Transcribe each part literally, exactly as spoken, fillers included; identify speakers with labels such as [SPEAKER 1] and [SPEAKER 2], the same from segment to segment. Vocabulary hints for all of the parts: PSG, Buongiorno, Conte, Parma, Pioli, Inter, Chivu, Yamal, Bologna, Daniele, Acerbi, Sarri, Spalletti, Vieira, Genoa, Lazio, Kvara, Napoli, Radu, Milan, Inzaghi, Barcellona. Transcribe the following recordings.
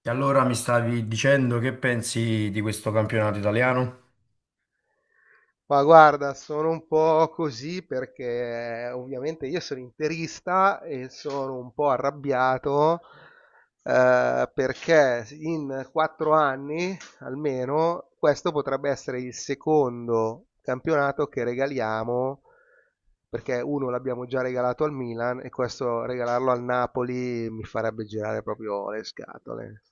[SPEAKER 1] E allora mi stavi dicendo che pensi di questo campionato italiano?
[SPEAKER 2] Ma guarda, sono un po' così perché eh, ovviamente io sono interista e sono un po' arrabbiato, eh, perché in quattro anni almeno questo potrebbe essere il secondo campionato che regaliamo, perché uno l'abbiamo già regalato al Milan e questo regalarlo al Napoli mi farebbe girare proprio le scatole.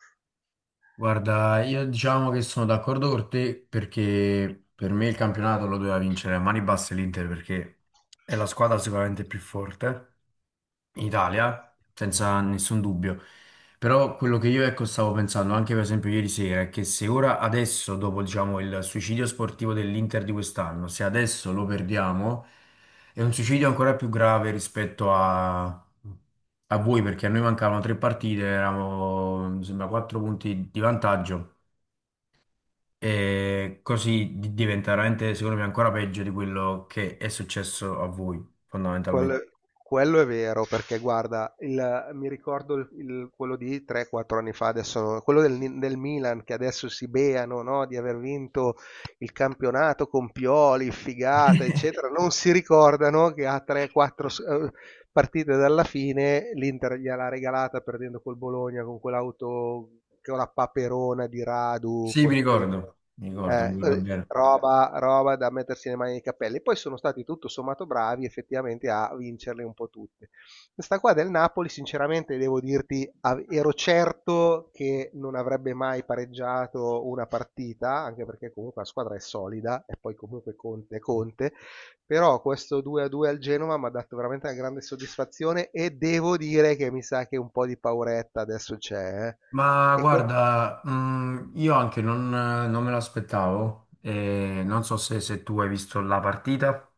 [SPEAKER 1] Guarda, io diciamo che sono d'accordo con te perché per me il campionato lo doveva vincere a mani basse l'Inter perché è la squadra sicuramente più forte in Italia, senza nessun dubbio. Però quello che io ecco stavo pensando anche per esempio ieri sera è che se ora adesso, dopo diciamo il suicidio sportivo dell'Inter di quest'anno, se adesso lo perdiamo, è un suicidio ancora più grave rispetto a, a voi, perché a noi mancavano tre partite, eravamo mi sembra quattro punti di vantaggio. E così di- diventa veramente, secondo me, ancora peggio di quello che è successo a voi,
[SPEAKER 2] Quel-
[SPEAKER 1] fondamentalmente.
[SPEAKER 2] Vabbè, quello è vero, perché guarda, il- mi ricordo il- il- quello di tre o quattro anni fa, adesso, no- quello del, Ni- del Milan, che adesso si beano, no, di aver vinto il campionato con Pioli, figata, eccetera. Non si ricordano che ha tre o quattro partite dalla fine l'Inter gliel'ha regalata perdendo col Bologna con quell'auto, con la paperona di Radu,
[SPEAKER 1] Sì, mi
[SPEAKER 2] portiere.
[SPEAKER 1] ricordo, mi ricordo,
[SPEAKER 2] eh,
[SPEAKER 1] mi ricordo
[SPEAKER 2] eh,
[SPEAKER 1] bene.
[SPEAKER 2] roba, roba da mettersi le mani nei capelli. Poi sono stati tutto sommato bravi effettivamente a vincerle un po' tutte. Questa qua del Napoli, sinceramente, devo dirti, av- ero certo che non avrebbe mai pareggiato una partita, anche perché comunque la squadra è solida e poi comunque Conte è Conte, però questo due a due al Genova mi ha dato veramente una grande soddisfazione e devo dire che mi sa che un po' di pauretta adesso c'è, eh.
[SPEAKER 1] Ma
[SPEAKER 2] E, co-
[SPEAKER 1] guarda, mm, io anche non, non me l'aspettavo, e non so se, se tu hai visto la partita.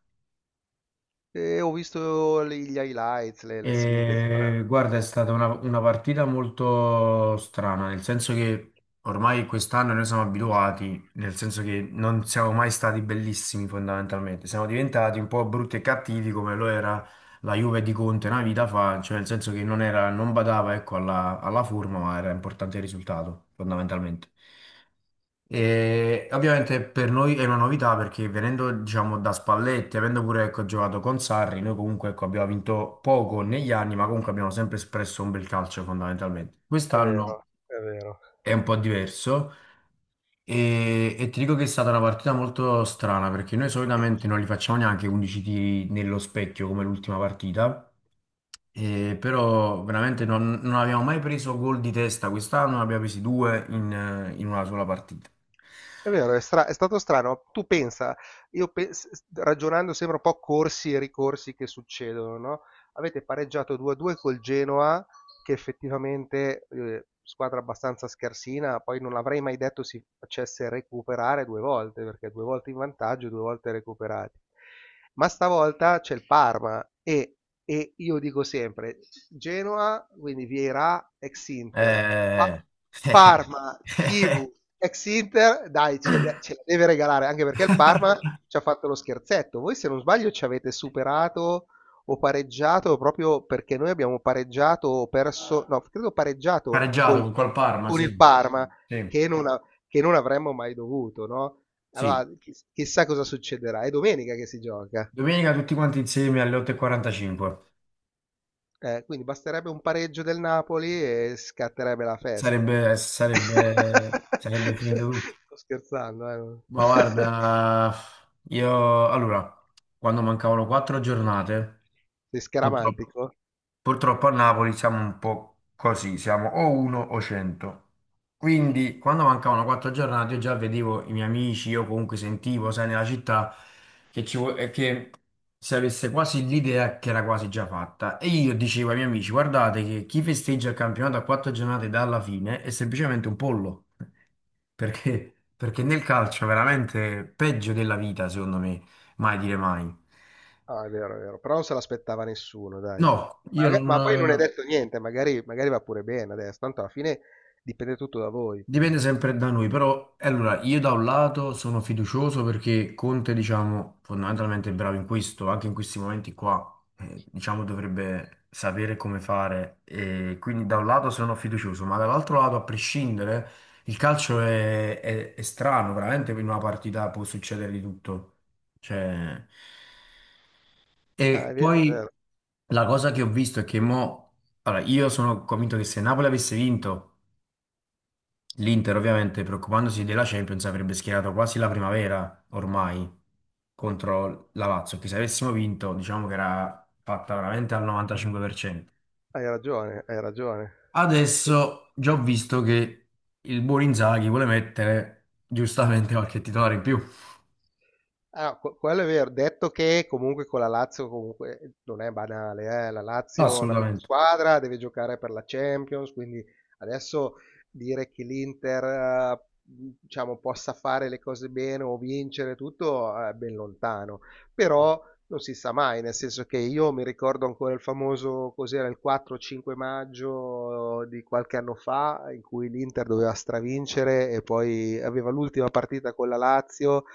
[SPEAKER 2] e ho visto gli gli highlights, le, le sintesi.
[SPEAKER 1] E, guarda, è stata una, una partita molto strana, nel senso che ormai quest'anno noi siamo abituati, nel senso che non siamo mai stati bellissimi fondamentalmente, siamo diventati un po' brutti e cattivi come lo era la Juve di Conte una vita fa, cioè nel senso che non era, non badava, ecco, alla alla forma, ma era importante il risultato fondamentalmente. E ovviamente per noi è una novità perché venendo, diciamo, da Spalletti, avendo pure, ecco, giocato con Sarri, noi comunque, ecco, abbiamo vinto poco negli anni, ma comunque abbiamo sempre espresso un bel calcio fondamentalmente.
[SPEAKER 2] È
[SPEAKER 1] Quest'anno
[SPEAKER 2] vero, è vero.
[SPEAKER 1] è un po' diverso e, e ti dico che è stata una partita molto strana perché noi solitamente non li facciamo neanche undici tiri nello specchio come l'ultima partita. Eh, però veramente non, non abbiamo mai preso gol di testa quest'anno, ne abbiamo presi due in eh, in una sola partita.
[SPEAKER 2] È vero, è stra- è stato strano. Tu pensa, io pe- s- s- ragionando sembra un po' corsi e ricorsi che succedono, no? Avete pareggiato due a due col Genoa, che effettivamente eh, squadra abbastanza scarsina, poi non l'avrei mai detto si facesse recuperare due volte, perché due volte in vantaggio, due volte recuperati. Ma stavolta c'è il Parma e, e io dico sempre: Genoa, quindi Vieira, ex Inter,
[SPEAKER 1] Eh,
[SPEAKER 2] Pa- Parma, Chivu, ex Inter, dai, ce, ce la deve regalare, anche perché il Parma ci ha fatto lo scherzetto. Voi se non sbaglio ci avete superato, ho pareggiato proprio perché noi abbiamo pareggiato o perso, no, credo pareggiato
[SPEAKER 1] pareggiato
[SPEAKER 2] col-
[SPEAKER 1] con col Parma,
[SPEAKER 2] con il
[SPEAKER 1] sì.
[SPEAKER 2] Parma,
[SPEAKER 1] Sì,
[SPEAKER 2] che non, a- che non avremmo mai dovuto, no?
[SPEAKER 1] sì.
[SPEAKER 2] Allora, chi- chissà cosa succederà. È domenica che si gioca.
[SPEAKER 1] Domenica tutti quanti insieme alle otto e quarantacinque.
[SPEAKER 2] Eh, quindi basterebbe un pareggio del Napoli e scatterebbe la festa.
[SPEAKER 1] Sarebbe, sarebbe, sarebbe finito tutto.
[SPEAKER 2] Sto scherzando, eh? non-
[SPEAKER 1] Ma guarda, io allora, quando mancavano quattro giornate,
[SPEAKER 2] Sei
[SPEAKER 1] purtroppo,
[SPEAKER 2] scaramantico?
[SPEAKER 1] Purtroppo a Napoli siamo un po' così, siamo o uno o cento. Quindi quando mancavano quattro giornate io già vedevo i miei amici, io comunque sentivo, sai, nella città che, ci, vo- eh, che si avesse quasi l'idea che era quasi già fatta. E io dicevo ai miei amici, guardate che chi festeggia il campionato a quattro giornate dalla fine è semplicemente un pollo, perché, perché nel calcio veramente peggio della vita, secondo me, mai dire mai.
[SPEAKER 2] Ah, è vero, è vero, però non se l'aspettava nessuno, dai.
[SPEAKER 1] No, io
[SPEAKER 2] Maga- Ma, poi non è
[SPEAKER 1] non.
[SPEAKER 2] detto niente, magari, magari va pure bene adesso, tanto alla fine dipende tutto da voi.
[SPEAKER 1] Dipende sempre da noi, però eh, allora io da un lato sono fiducioso perché Conte, diciamo, fondamentalmente è bravo in questo, anche in questi momenti qua, eh, diciamo, dovrebbe sapere come fare e quindi da un lato sono fiducioso, ma dall'altro lato, a prescindere, il calcio è, è- è strano, veramente in una partita può succedere di tutto. Cioè,
[SPEAKER 2] Ah,
[SPEAKER 1] e
[SPEAKER 2] è vero, è
[SPEAKER 1] poi
[SPEAKER 2] vero.
[SPEAKER 1] la cosa che ho visto è che mo, allora, io sono convinto che se Napoli avesse vinto l'Inter ovviamente preoccupandosi della Champions avrebbe schierato quasi la primavera ormai contro la Lazio, che se avessimo vinto diciamo che era fatta veramente al novantacinque per cento.
[SPEAKER 2] Hai ragione, hai ragione.
[SPEAKER 1] Adesso già ho visto che il buon Inzaghi vuole mettere giustamente qualche titolare in più.
[SPEAKER 2] Ah, que quello è vero. Detto che comunque con la Lazio comunque non è banale, eh. La Lazio è una bella
[SPEAKER 1] Assolutamente.
[SPEAKER 2] squadra, deve giocare per la Champions, quindi adesso dire che l'Inter, eh, diciamo, possa fare le cose bene o vincere tutto, eh, è ben lontano. Però non si sa mai, nel senso che io mi ricordo ancora il famoso, cos'era, il quattro o cinque maggio di qualche anno fa, in cui l'Inter doveva stravincere e poi aveva l'ultima partita con la Lazio,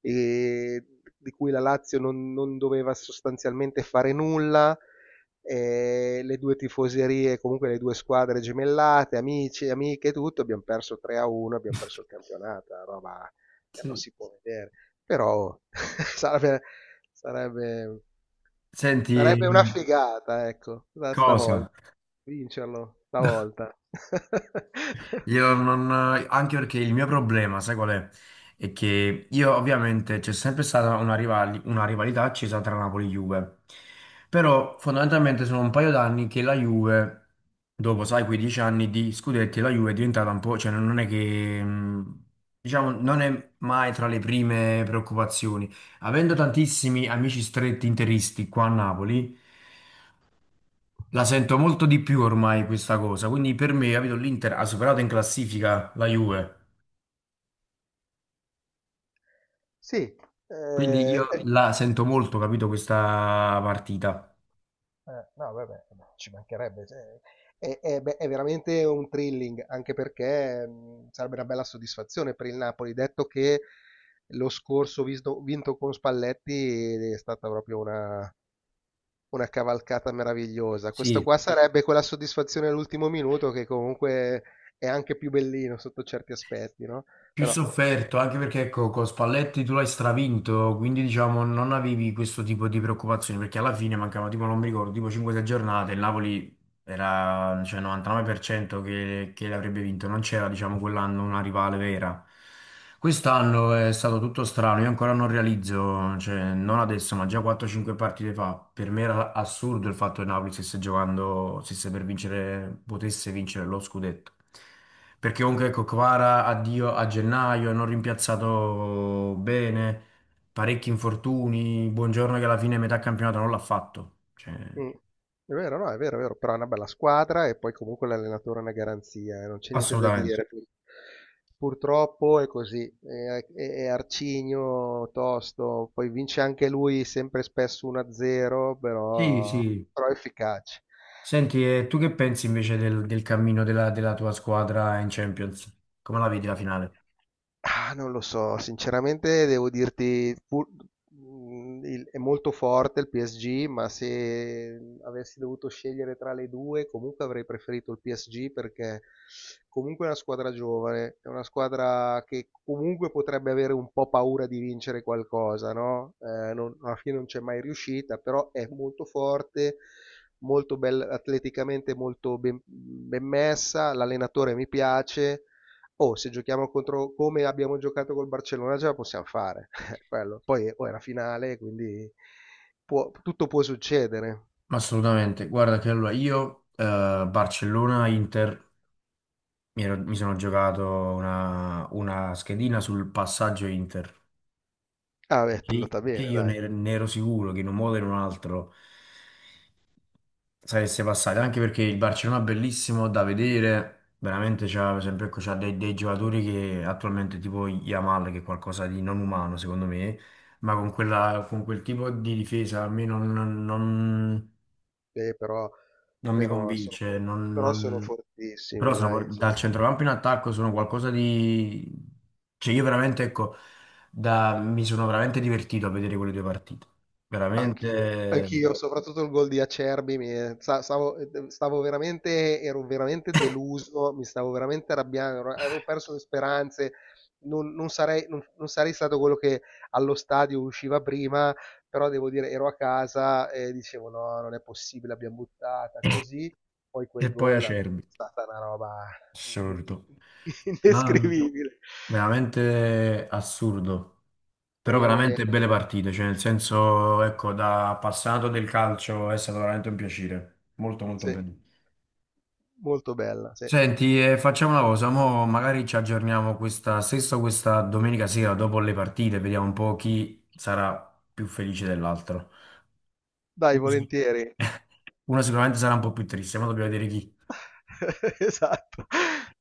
[SPEAKER 2] e di cui la Lazio non, non doveva sostanzialmente fare nulla, e le due tifoserie, comunque le due squadre gemellate, amici, amiche, e tutto, abbiamo perso tre a uno, abbiamo perso il campionato, roba che non
[SPEAKER 1] Sì.
[SPEAKER 2] si può vedere. Però sarebbe, sarebbe,
[SPEAKER 1] Senti,
[SPEAKER 2] sarebbe una figata, ecco, da
[SPEAKER 1] cosa?
[SPEAKER 2] stavolta. Vincerlo stavolta.
[SPEAKER 1] Io non, anche perché il mio problema, sai qual è? È che io ovviamente c'è sempre stata una, rivali- una rivalità accesa tra Napoli e Juve, però fondamentalmente sono un paio d'anni che la Juve, dopo sai, quindici anni di scudetti, la Juve è diventata un po', cioè non è che, mh, diciamo, non è mai tra le prime preoccupazioni. Avendo tantissimi amici stretti interisti qua a Napoli, la sento molto di più ormai questa cosa, quindi per me, capito, l'Inter ha superato in classifica la Juve,
[SPEAKER 2] Sì.
[SPEAKER 1] quindi
[SPEAKER 2] eh,
[SPEAKER 1] io
[SPEAKER 2] eh,
[SPEAKER 1] la sento molto, capito, questa partita.
[SPEAKER 2] Eh, no, vabbè, ci mancherebbe. Cioè, è, è be- è veramente un thrilling, anche perché mh, sarebbe una bella soddisfazione per il Napoli, detto che lo scorso visto- vinto con Spalletti è stata proprio una, una cavalcata meravigliosa. Questo
[SPEAKER 1] Sì,
[SPEAKER 2] qua sarebbe quella soddisfazione all'ultimo minuto che comunque è anche più bellino sotto certi aspetti, no?
[SPEAKER 1] più
[SPEAKER 2] Però.
[SPEAKER 1] sofferto, anche perché ecco, con Spalletti tu l'hai stravinto, quindi diciamo non avevi questo tipo di preoccupazioni, perché alla fine mancava tipo, non mi ricordo, tipo cinque sei giornate, il Napoli era cioè, novantanove per cento che, che l'avrebbe vinto, non c'era diciamo quell'anno una rivale vera. Quest'anno è stato tutto strano, io ancora non realizzo, cioè, non adesso, ma già quattro cinque partite fa, per me era assurdo il fatto che Napoli stesse giocando, stesse per vincere, potesse vincere lo scudetto. Perché comunque ecco, Kvara addio a gennaio, non rimpiazzato bene, parecchi infortuni, Buongiorno che alla fine metà campionato non l'ha fatto. Cioè,
[SPEAKER 2] Mm. È vero, no, è vero, è vero, però è una bella squadra e poi comunque l'allenatore è una garanzia, eh, non c'è niente da
[SPEAKER 1] assolutamente.
[SPEAKER 2] dire. Purtroppo è così, è, è- è arcigno, tosto, poi vince anche lui sempre e spesso uno a zero,
[SPEAKER 1] Sì,
[SPEAKER 2] però,
[SPEAKER 1] sì.
[SPEAKER 2] però è efficace.
[SPEAKER 1] Senti, e tu che pensi invece del, del cammino della, della tua squadra in Champions? Come la vedi la finale?
[SPEAKER 2] Ah, non lo so, sinceramente devo dirti, pur- mh, il- è molto forte il P S G, ma se avessi dovuto scegliere tra le due, comunque avrei preferito il P S G perché comunque è una squadra giovane, è una squadra che comunque potrebbe avere un po' paura di vincere qualcosa, no? Eh, non- alla fine non c'è mai riuscita, però è molto forte, molto bella, atleticamente molto ben, ben messa, l'allenatore mi piace. Oh, se giochiamo contro come abbiamo giocato col Barcellona ce la possiamo fare. Quello. Poi oh, è la finale, quindi può- tutto può succedere.
[SPEAKER 1] Assolutamente. Guarda che allora io, eh, Barcellona-Inter, mi, ero- mi sono giocato una, una schedina sul passaggio Inter,
[SPEAKER 2] Ah, beh, è
[SPEAKER 1] che,
[SPEAKER 2] andata
[SPEAKER 1] che
[SPEAKER 2] bene,
[SPEAKER 1] io
[SPEAKER 2] dai.
[SPEAKER 1] ne, ne ero sicuro che in un modo o in un altro sareste passati, anche perché il Barcellona è bellissimo da vedere, veramente c'ha, per esempio, ecco, c'ha dei, dei giocatori che attualmente tipo Yamal, che è qualcosa di non umano secondo me, ma con quella, con quel tipo di difesa a me non, non- non-
[SPEAKER 2] Eh, però,
[SPEAKER 1] non mi
[SPEAKER 2] però sono
[SPEAKER 1] convince,
[SPEAKER 2] for-
[SPEAKER 1] non,
[SPEAKER 2] però sono
[SPEAKER 1] non- però
[SPEAKER 2] fortissimi,
[SPEAKER 1] sono-
[SPEAKER 2] dai.
[SPEAKER 1] dal centrocampo in attacco sono qualcosa di... Cioè io veramente, ecco, da- mi sono veramente divertito a vedere quelle due partite,
[SPEAKER 2] Anch'io,
[SPEAKER 1] veramente...
[SPEAKER 2] anch'io, soprattutto il gol di Acerbi, mi- sta- stavo, stavo veramente, ero veramente deluso, mi stavo veramente arrabbiando, ero- avevo perso le speranze, non, non sarei, non- non sarei stato quello che allo stadio usciva prima, però devo dire, ero a casa e dicevo no, non è possibile, l'abbiamo buttata così, poi
[SPEAKER 1] E
[SPEAKER 2] quel
[SPEAKER 1] poi
[SPEAKER 2] gol è
[SPEAKER 1] Acerbi.
[SPEAKER 2] stata una roba in- in-
[SPEAKER 1] Assurdo.
[SPEAKER 2] in-
[SPEAKER 1] Non-
[SPEAKER 2] indescrivibile.
[SPEAKER 1] veramente assurdo. Però
[SPEAKER 2] Speriamo bene.
[SPEAKER 1] veramente belle partite, cioè nel senso, ecco, da appassionato del calcio è stato veramente un piacere. Molto molto
[SPEAKER 2] Sì.
[SPEAKER 1] bello.
[SPEAKER 2] Molto bella, sì.
[SPEAKER 1] Senti, eh, facciamo una cosa, mo magari ci aggiorniamo questa stessa questa domenica sera dopo le partite, vediamo un po' chi sarà più felice dell'altro.
[SPEAKER 2] Dai,
[SPEAKER 1] Uno sic-
[SPEAKER 2] volentieri.
[SPEAKER 1] uno sicuramente sarà un po' più triste, ma dobbiamo vedere chi.
[SPEAKER 2] Esatto.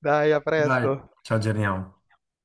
[SPEAKER 2] Dai, a
[SPEAKER 1] Dai,
[SPEAKER 2] presto.
[SPEAKER 1] ci aggiorniamo.